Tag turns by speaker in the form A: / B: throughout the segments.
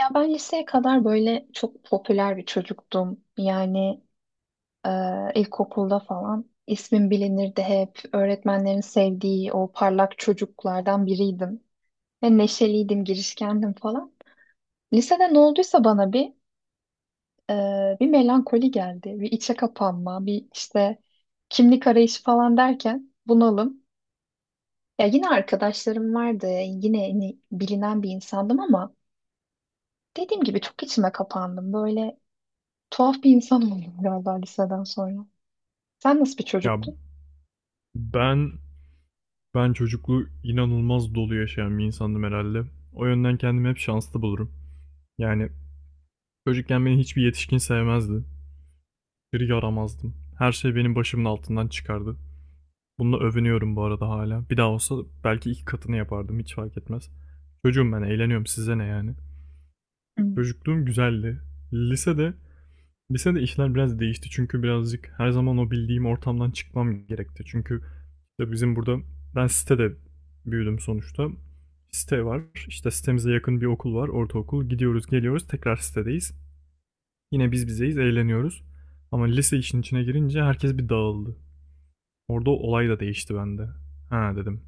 A: Ya ben liseye kadar böyle çok popüler bir çocuktum. Yani e, ilkokulda falan ismim bilinirdi hep. Öğretmenlerin sevdiği o parlak çocuklardan biriydim. Ve neşeliydim, girişkendim falan. Lisede ne olduysa bana bir melankoli geldi. Bir içe kapanma, bir işte kimlik arayışı falan derken bunalım. Ya yine arkadaşlarım vardı. Yine hani bilinen bir insandım ama dediğim gibi çok içime kapandım. Böyle tuhaf bir insan oldum galiba liseden sonra. Sen nasıl bir
B: Ya
A: çocuktun?
B: ben ben çocukluğu inanılmaz dolu yaşayan bir insandım herhalde. O yönden kendimi hep şanslı bulurum. Yani çocukken beni hiçbir yetişkin sevmezdi. Bir yaramazdım. Her şey benim başımın altından çıkardı. Bununla övünüyorum bu arada hala. Bir daha olsa belki iki katını yapardım, hiç fark etmez. Çocuğum ben, eğleniyorum, size ne yani.
A: Hı,
B: Çocukluğum güzeldi. Lisede Lisede işler biraz değişti çünkü birazcık her zaman o bildiğim ortamdan çıkmam gerekti. Çünkü işte bizim burada, ben sitede büyüdüm sonuçta. Site var. İşte sitemize yakın bir okul var, ortaokul. Gidiyoruz, geliyoruz, tekrar sitedeyiz. Yine biz bizeyiz, eğleniyoruz. Ama lise işin içine girince herkes bir dağıldı. Orada olay da değişti bende. Ha dedim.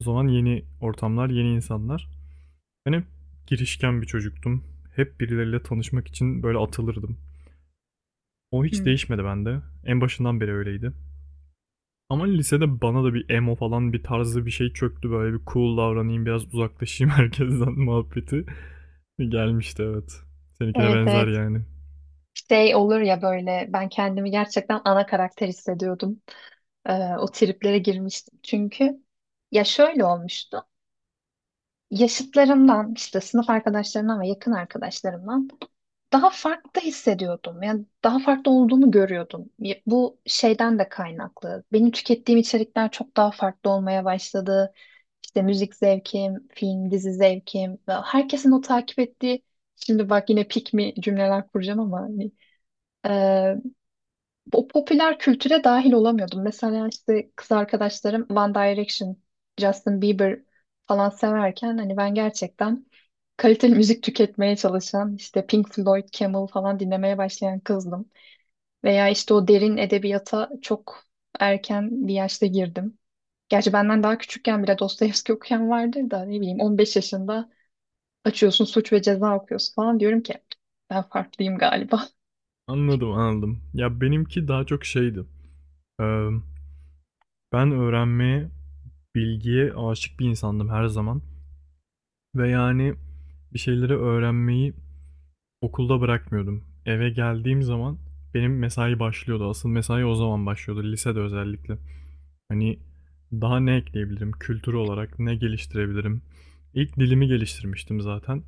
B: O zaman yeni ortamlar, yeni insanlar. Ben hep girişken bir çocuktum. Hep birileriyle tanışmak için böyle atılırdım. O hiç
A: hı.
B: değişmedi bende. En başından beri öyleydi. Ama lisede bana da bir emo falan bir tarzı bir şey çöktü. Böyle bir cool davranayım, biraz uzaklaşayım herkesten muhabbeti. Gelmişti, evet. Seninkine
A: Evet,
B: benzer
A: evet.
B: yani.
A: Şey olur ya böyle ben kendimi gerçekten ana karakter hissediyordum. Ee, O triplere girmiştim. Çünkü ya şöyle olmuştu. Yaşıtlarımdan işte sınıf arkadaşlarımdan ve yakın arkadaşlarımdan daha farklı hissediyordum. Yani daha farklı olduğumu görüyordum. Bu şeyden de kaynaklı. Benim tükettiğim içerikler çok daha farklı olmaya başladı. İşte müzik zevkim, film, dizi zevkim ve herkesin o takip ettiği, şimdi bak yine pick me cümleler kuracağım ama hani, o popüler kültüre dahil olamıyordum. Mesela işte kız arkadaşlarım One Direction, Justin Bieber falan severken hani ben gerçekten kaliteli müzik tüketmeye çalışan işte Pink Floyd, Camel falan dinlemeye başlayan kızdım. Veya işte o derin edebiyata çok erken bir yaşta girdim. Gerçi benden daha küçükken bile Dostoyevski okuyan vardır da ne bileyim 15 yaşında açıyorsun Suç ve Ceza okuyorsun falan diyorum ki ben farklıyım galiba.
B: Anladım, anladım. Ya benimki daha çok şeydi. Ee, ben öğrenmeye, bilgiye aşık bir insandım her zaman. Ve yani bir şeyleri öğrenmeyi okulda bırakmıyordum. Eve geldiğim zaman benim mesai başlıyordu. Asıl mesai o zaman başlıyordu. Lisede özellikle. Hani daha ne ekleyebilirim? Kültür olarak ne geliştirebilirim? İlk dilimi geliştirmiştim zaten.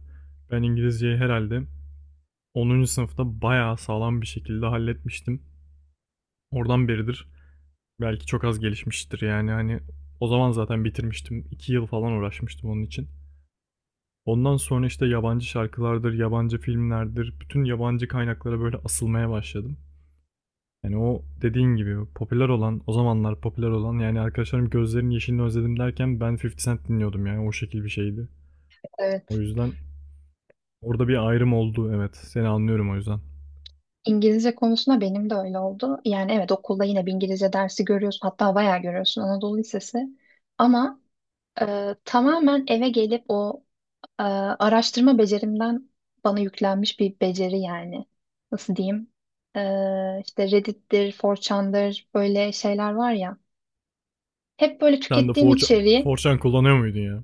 B: Ben İngilizceyi herhalde 10. sınıfta bayağı sağlam bir şekilde halletmiştim. Oradan beridir belki çok az gelişmiştir yani hani o zaman zaten bitirmiştim. 2 yıl falan uğraşmıştım onun için. Ondan sonra işte yabancı şarkılardır, yabancı filmlerdir, bütün yabancı kaynaklara böyle asılmaya başladım. Yani o dediğin gibi popüler olan, o zamanlar popüler olan, yani arkadaşlarım gözlerinin yeşilini özledim derken ben 50 Cent dinliyordum, yani o şekil bir şeydi. O
A: Evet.
B: yüzden orada bir ayrım oldu, evet. Seni anlıyorum o yüzden.
A: İngilizce konusunda benim de öyle oldu. Yani evet okulda yine bir İngilizce dersi görüyorsun, hatta bayağı görüyorsun, Anadolu Lisesi. Ama tamamen eve gelip o araştırma becerimden bana yüklenmiş bir beceri yani. Nasıl diyeyim? E, işte Reddit'tir, 4chan'dır böyle şeyler var ya. Hep böyle
B: Sen de
A: tükettiğim içeriği
B: 4 kullanıyor muydun ya?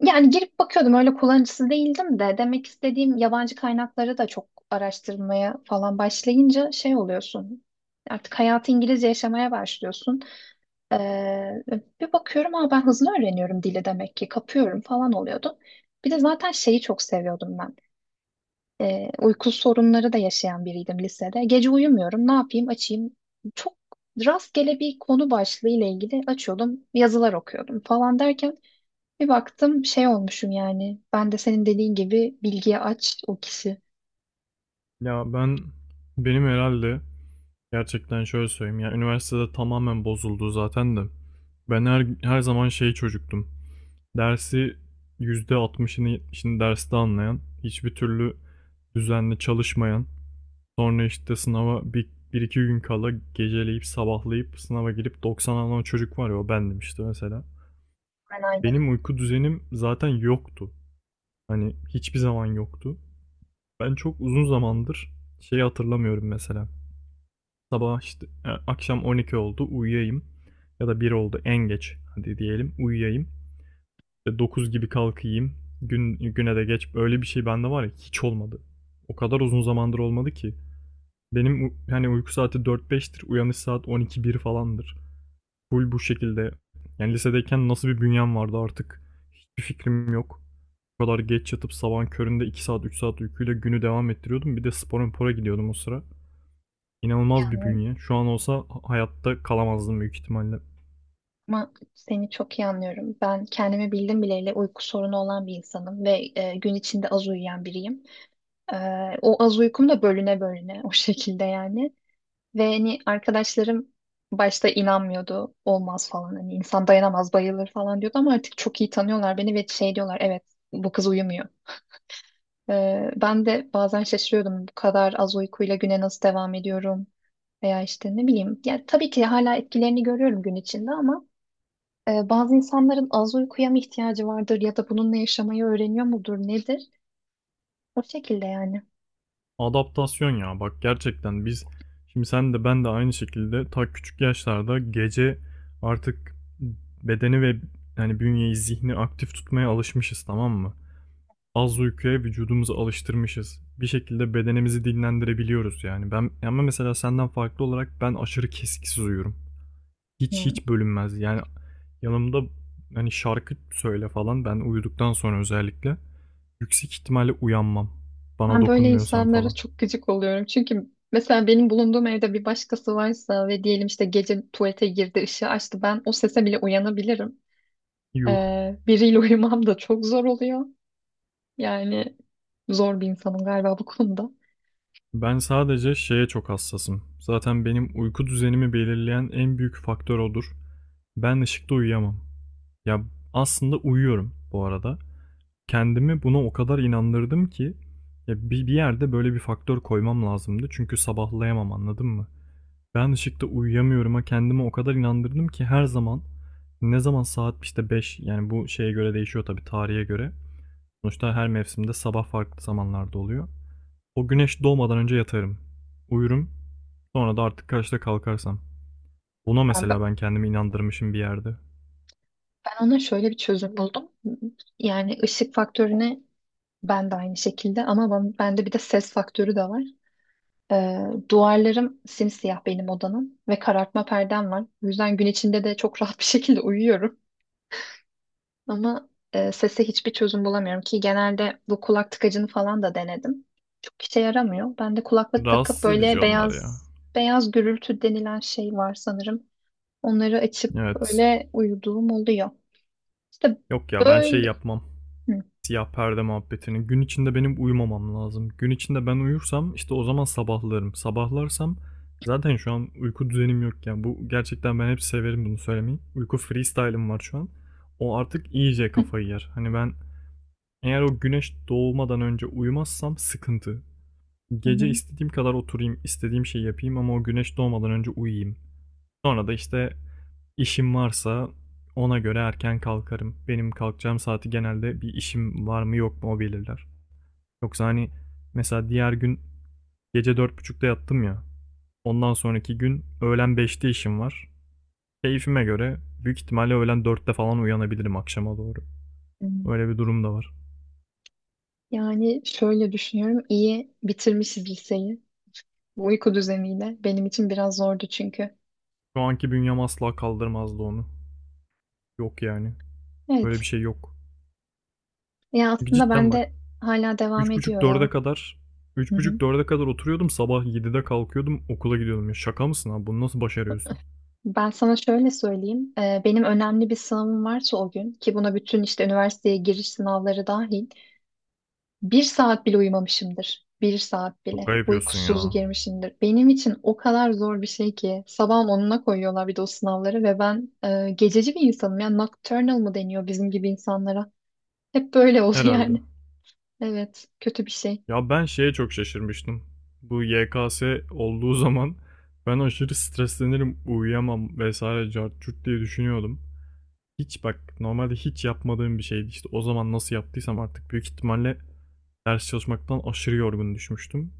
A: yani girip bakıyordum, öyle kullanıcısı değildim de, demek istediğim yabancı kaynakları da çok araştırmaya falan başlayınca şey oluyorsun. Artık hayatı İngilizce yaşamaya başlıyorsun. Ee, Bir bakıyorum ama ben hızlı öğreniyorum dili, demek ki kapıyorum falan oluyordu. Bir de zaten şeyi çok seviyordum ben. Uyku sorunları da yaşayan biriydim lisede. Gece uyumuyorum, ne yapayım, açayım. Çok rastgele bir konu başlığı ile ilgili açıyordum, yazılar okuyordum falan derken bir baktım şey olmuşum yani. Ben de senin dediğin gibi bilgiye aç o kişi.
B: Ya ben benim herhalde, gerçekten şöyle söyleyeyim. Ya üniversitede tamamen bozuldu zaten de. Ben her zaman şey çocuktum. Dersi %60'ını 70'ini derste anlayan, hiçbir türlü düzenli çalışmayan, sonra işte sınava bir iki gün kala geceleyip sabahlayıp sınava girip 90 alan çocuk var ya, o bendim işte mesela.
A: Ben aynı.
B: Benim uyku düzenim zaten yoktu. Hani hiçbir zaman yoktu. Ben çok uzun zamandır şeyi hatırlamıyorum mesela. Sabah işte akşam 12 oldu uyuyayım. Ya da bir oldu en geç, hadi diyelim uyuyayım. İşte 9 gibi kalkayım. Gün, güne de geç. Öyle bir şey bende var ya, hiç olmadı. O kadar uzun zamandır olmadı ki. Benim hani uyku saati dört beştir, uyanış saat on iki bir falandır. Full bu şekilde. Yani lisedeyken nasıl bir bünyem vardı artık hiçbir fikrim yok. O kadar geç yatıp sabahın köründe 2 saat 3 saat uykuyla günü devam ettiriyordum. Bir de spora mpora gidiyordum o sıra. İnanılmaz bir
A: Yani
B: bünye. Şu an olsa hayatta kalamazdım büyük ihtimalle.
A: ama seni çok iyi anlıyorum. Ben kendimi bildim bileli uyku sorunu olan bir insanım ve gün içinde az uyuyan biriyim. E, O az uykum da bölüne bölüne, o şekilde yani. Ve hani arkadaşlarım başta inanmıyordu. Olmaz falan, hani insan dayanamaz bayılır falan diyordu ama artık çok iyi tanıyorlar beni ve şey diyorlar, evet, bu kız uyumuyor. Ben de bazen şaşırıyordum, bu kadar az uykuyla güne nasıl devam ediyorum veya işte ne bileyim. Yani tabii ki hala etkilerini görüyorum gün içinde ama bazı insanların az uykuya mı ihtiyacı vardır ya da bununla yaşamayı öğreniyor mudur nedir? O şekilde yani.
B: Adaptasyon ya, bak gerçekten biz, şimdi sen de ben de aynı şekilde ta küçük yaşlarda gece artık bedeni ve yani bünyeyi, zihni aktif tutmaya alışmışız, tamam mı? Az uykuya vücudumuzu alıştırmışız. Bir şekilde bedenimizi dinlendirebiliyoruz yani. Ben ama mesela senden farklı olarak ben aşırı kesiksiz uyuyorum. Hiç hiç bölünmez. Yani yanımda hani şarkı söyle falan, ben uyuduktan sonra özellikle yüksek ihtimalle uyanmam. Bana
A: Ben böyle
B: dokunmuyorsan
A: insanlara
B: falan.
A: çok gıcık oluyorum. Çünkü mesela benim bulunduğum evde bir başkası varsa ve diyelim işte gece tuvalete girdi, ışığı açtı, ben o sese bile uyanabilirim.
B: Yuh.
A: Biriyle uyumam da çok zor oluyor. Yani zor bir insanım galiba bu konuda.
B: Ben sadece şeye çok hassasım. Zaten benim uyku düzenimi belirleyen en büyük faktör odur. Ben ışıkta uyuyamam. Ya, aslında uyuyorum bu arada. Kendimi buna o kadar inandırdım ki ya bir yerde böyle bir faktör koymam lazımdı. Çünkü sabahlayamam, anladın mı? Ben ışıkta uyuyamıyorum'a kendimi o kadar inandırdım ki her zaman, ne zaman saat, işte, beş, yani bu şeye göre değişiyor tabii, tarihe göre. Sonuçta her mevsimde sabah farklı zamanlarda oluyor. O güneş doğmadan önce yatarım. Uyurum. Sonra da artık kaçta kalkarsam. Buna
A: Ha,
B: mesela
A: ben
B: ben kendimi inandırmışım bir yerde.
A: ben ona şöyle bir çözüm buldum. Yani ışık faktörüne ben de aynı şekilde ama bende bir de ses faktörü de var. Duvarlarım simsiyah benim odanın ve karartma perdem var. O yüzden gün içinde de çok rahat bir şekilde uyuyorum. Ama sese hiçbir çözüm bulamıyorum ki, genelde bu kulak tıkacını falan da denedim. Çok işe yaramıyor. Ben de kulaklık takıp
B: Rahatsız
A: böyle
B: edici onlar
A: beyaz
B: ya.
A: beyaz gürültü denilen şey var sanırım. Onları açıp
B: Evet.
A: öyle uyuduğum oluyor. İşte
B: Yok ya, ben şey
A: böyle.
B: yapmam,
A: Hı.
B: siyah perde muhabbetini. Gün içinde benim uyumamam lazım. Gün içinde ben uyursam işte o zaman sabahlarım. Sabahlarsam zaten şu an uyku düzenim yok yani. Bu gerçekten, ben hep severim bunu söylemeyi, uyku freestyle'ım var şu an. O artık iyice
A: Hı.
B: kafayı yer. Hani ben eğer o güneş doğmadan önce uyumazsam sıkıntı.
A: Hı
B: Gece
A: hı.
B: istediğim kadar oturayım, istediğim şeyi yapayım ama o güneş doğmadan önce uyuyayım. Sonra da işte, işim varsa ona göre erken kalkarım. Benim kalkacağım saati genelde bir işim var mı yok mu, o belirler. Yoksa hani, mesela diğer gün gece 4.30'da yattım ya. Ondan sonraki gün öğlen 5'te işim var. Keyfime göre büyük ihtimalle öğlen 4'te falan uyanabilirim, akşama doğru. Öyle bir durum da var.
A: Yani şöyle düşünüyorum, iyi bitirmişiz liseyi. Bu uyku düzeniyle benim için biraz zordu çünkü.
B: Şu anki bünyem asla kaldırmazdı onu. Yok yani. Böyle bir
A: Evet.
B: şey yok.
A: Ya
B: Çünkü
A: aslında
B: cidden
A: ben
B: bak,
A: de hala devam
B: üç buçuk
A: ediyor
B: dörde
A: ya.
B: kadar
A: Hı
B: üç
A: hı.
B: buçuk dörde kadar oturuyordum, sabah 7'de kalkıyordum, okula gidiyordum ya. Şaka mısın abi, bunu nasıl başarıyorsun?
A: Ben sana şöyle söyleyeyim. Benim önemli bir sınavım varsa o gün ki buna bütün işte üniversiteye giriş sınavları dahil bir saat bile uyumamışımdır. Bir saat bile.
B: Şaka
A: Hep
B: yapıyorsun
A: uykusuz
B: ya.
A: girmişimdir. Benim için o kadar zor bir şey ki sabahın onuna koyuyorlar bir de o sınavları ve ben gececi bir insanım. Yani nocturnal mı deniyor bizim gibi insanlara? Hep böyle oldu
B: Herhalde.
A: yani. Evet, kötü bir şey.
B: Ya ben şeye çok şaşırmıştım. Bu YKS olduğu zaman ben aşırı streslenirim, uyuyamam vesaire cart curt diye düşünüyordum. Hiç, bak normalde hiç yapmadığım bir şeydi işte, o zaman nasıl yaptıysam artık, büyük ihtimalle ders çalışmaktan aşırı yorgun düşmüştüm.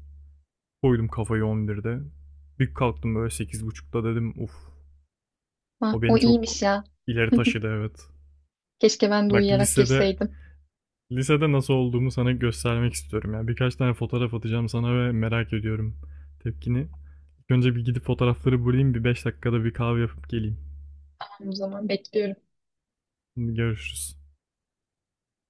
B: Koydum kafayı 11'de. Bir kalktım böyle 8.30'da, dedim uf,
A: Ha,
B: o
A: o
B: beni çok
A: iyiymiş ya.
B: ileri taşıdı, evet.
A: Keşke ben de
B: Bak
A: uyuyarak
B: lisede
A: girseydim.
B: Lisede nasıl olduğumu sana göstermek istiyorum. Yani birkaç tane fotoğraf atacağım sana ve merak ediyorum tepkini. İlk önce bir gidip fotoğrafları bulayım. Bir 5 dakikada bir kahve yapıp geleyim.
A: O zaman bekliyorum.
B: Şimdi görüşürüz.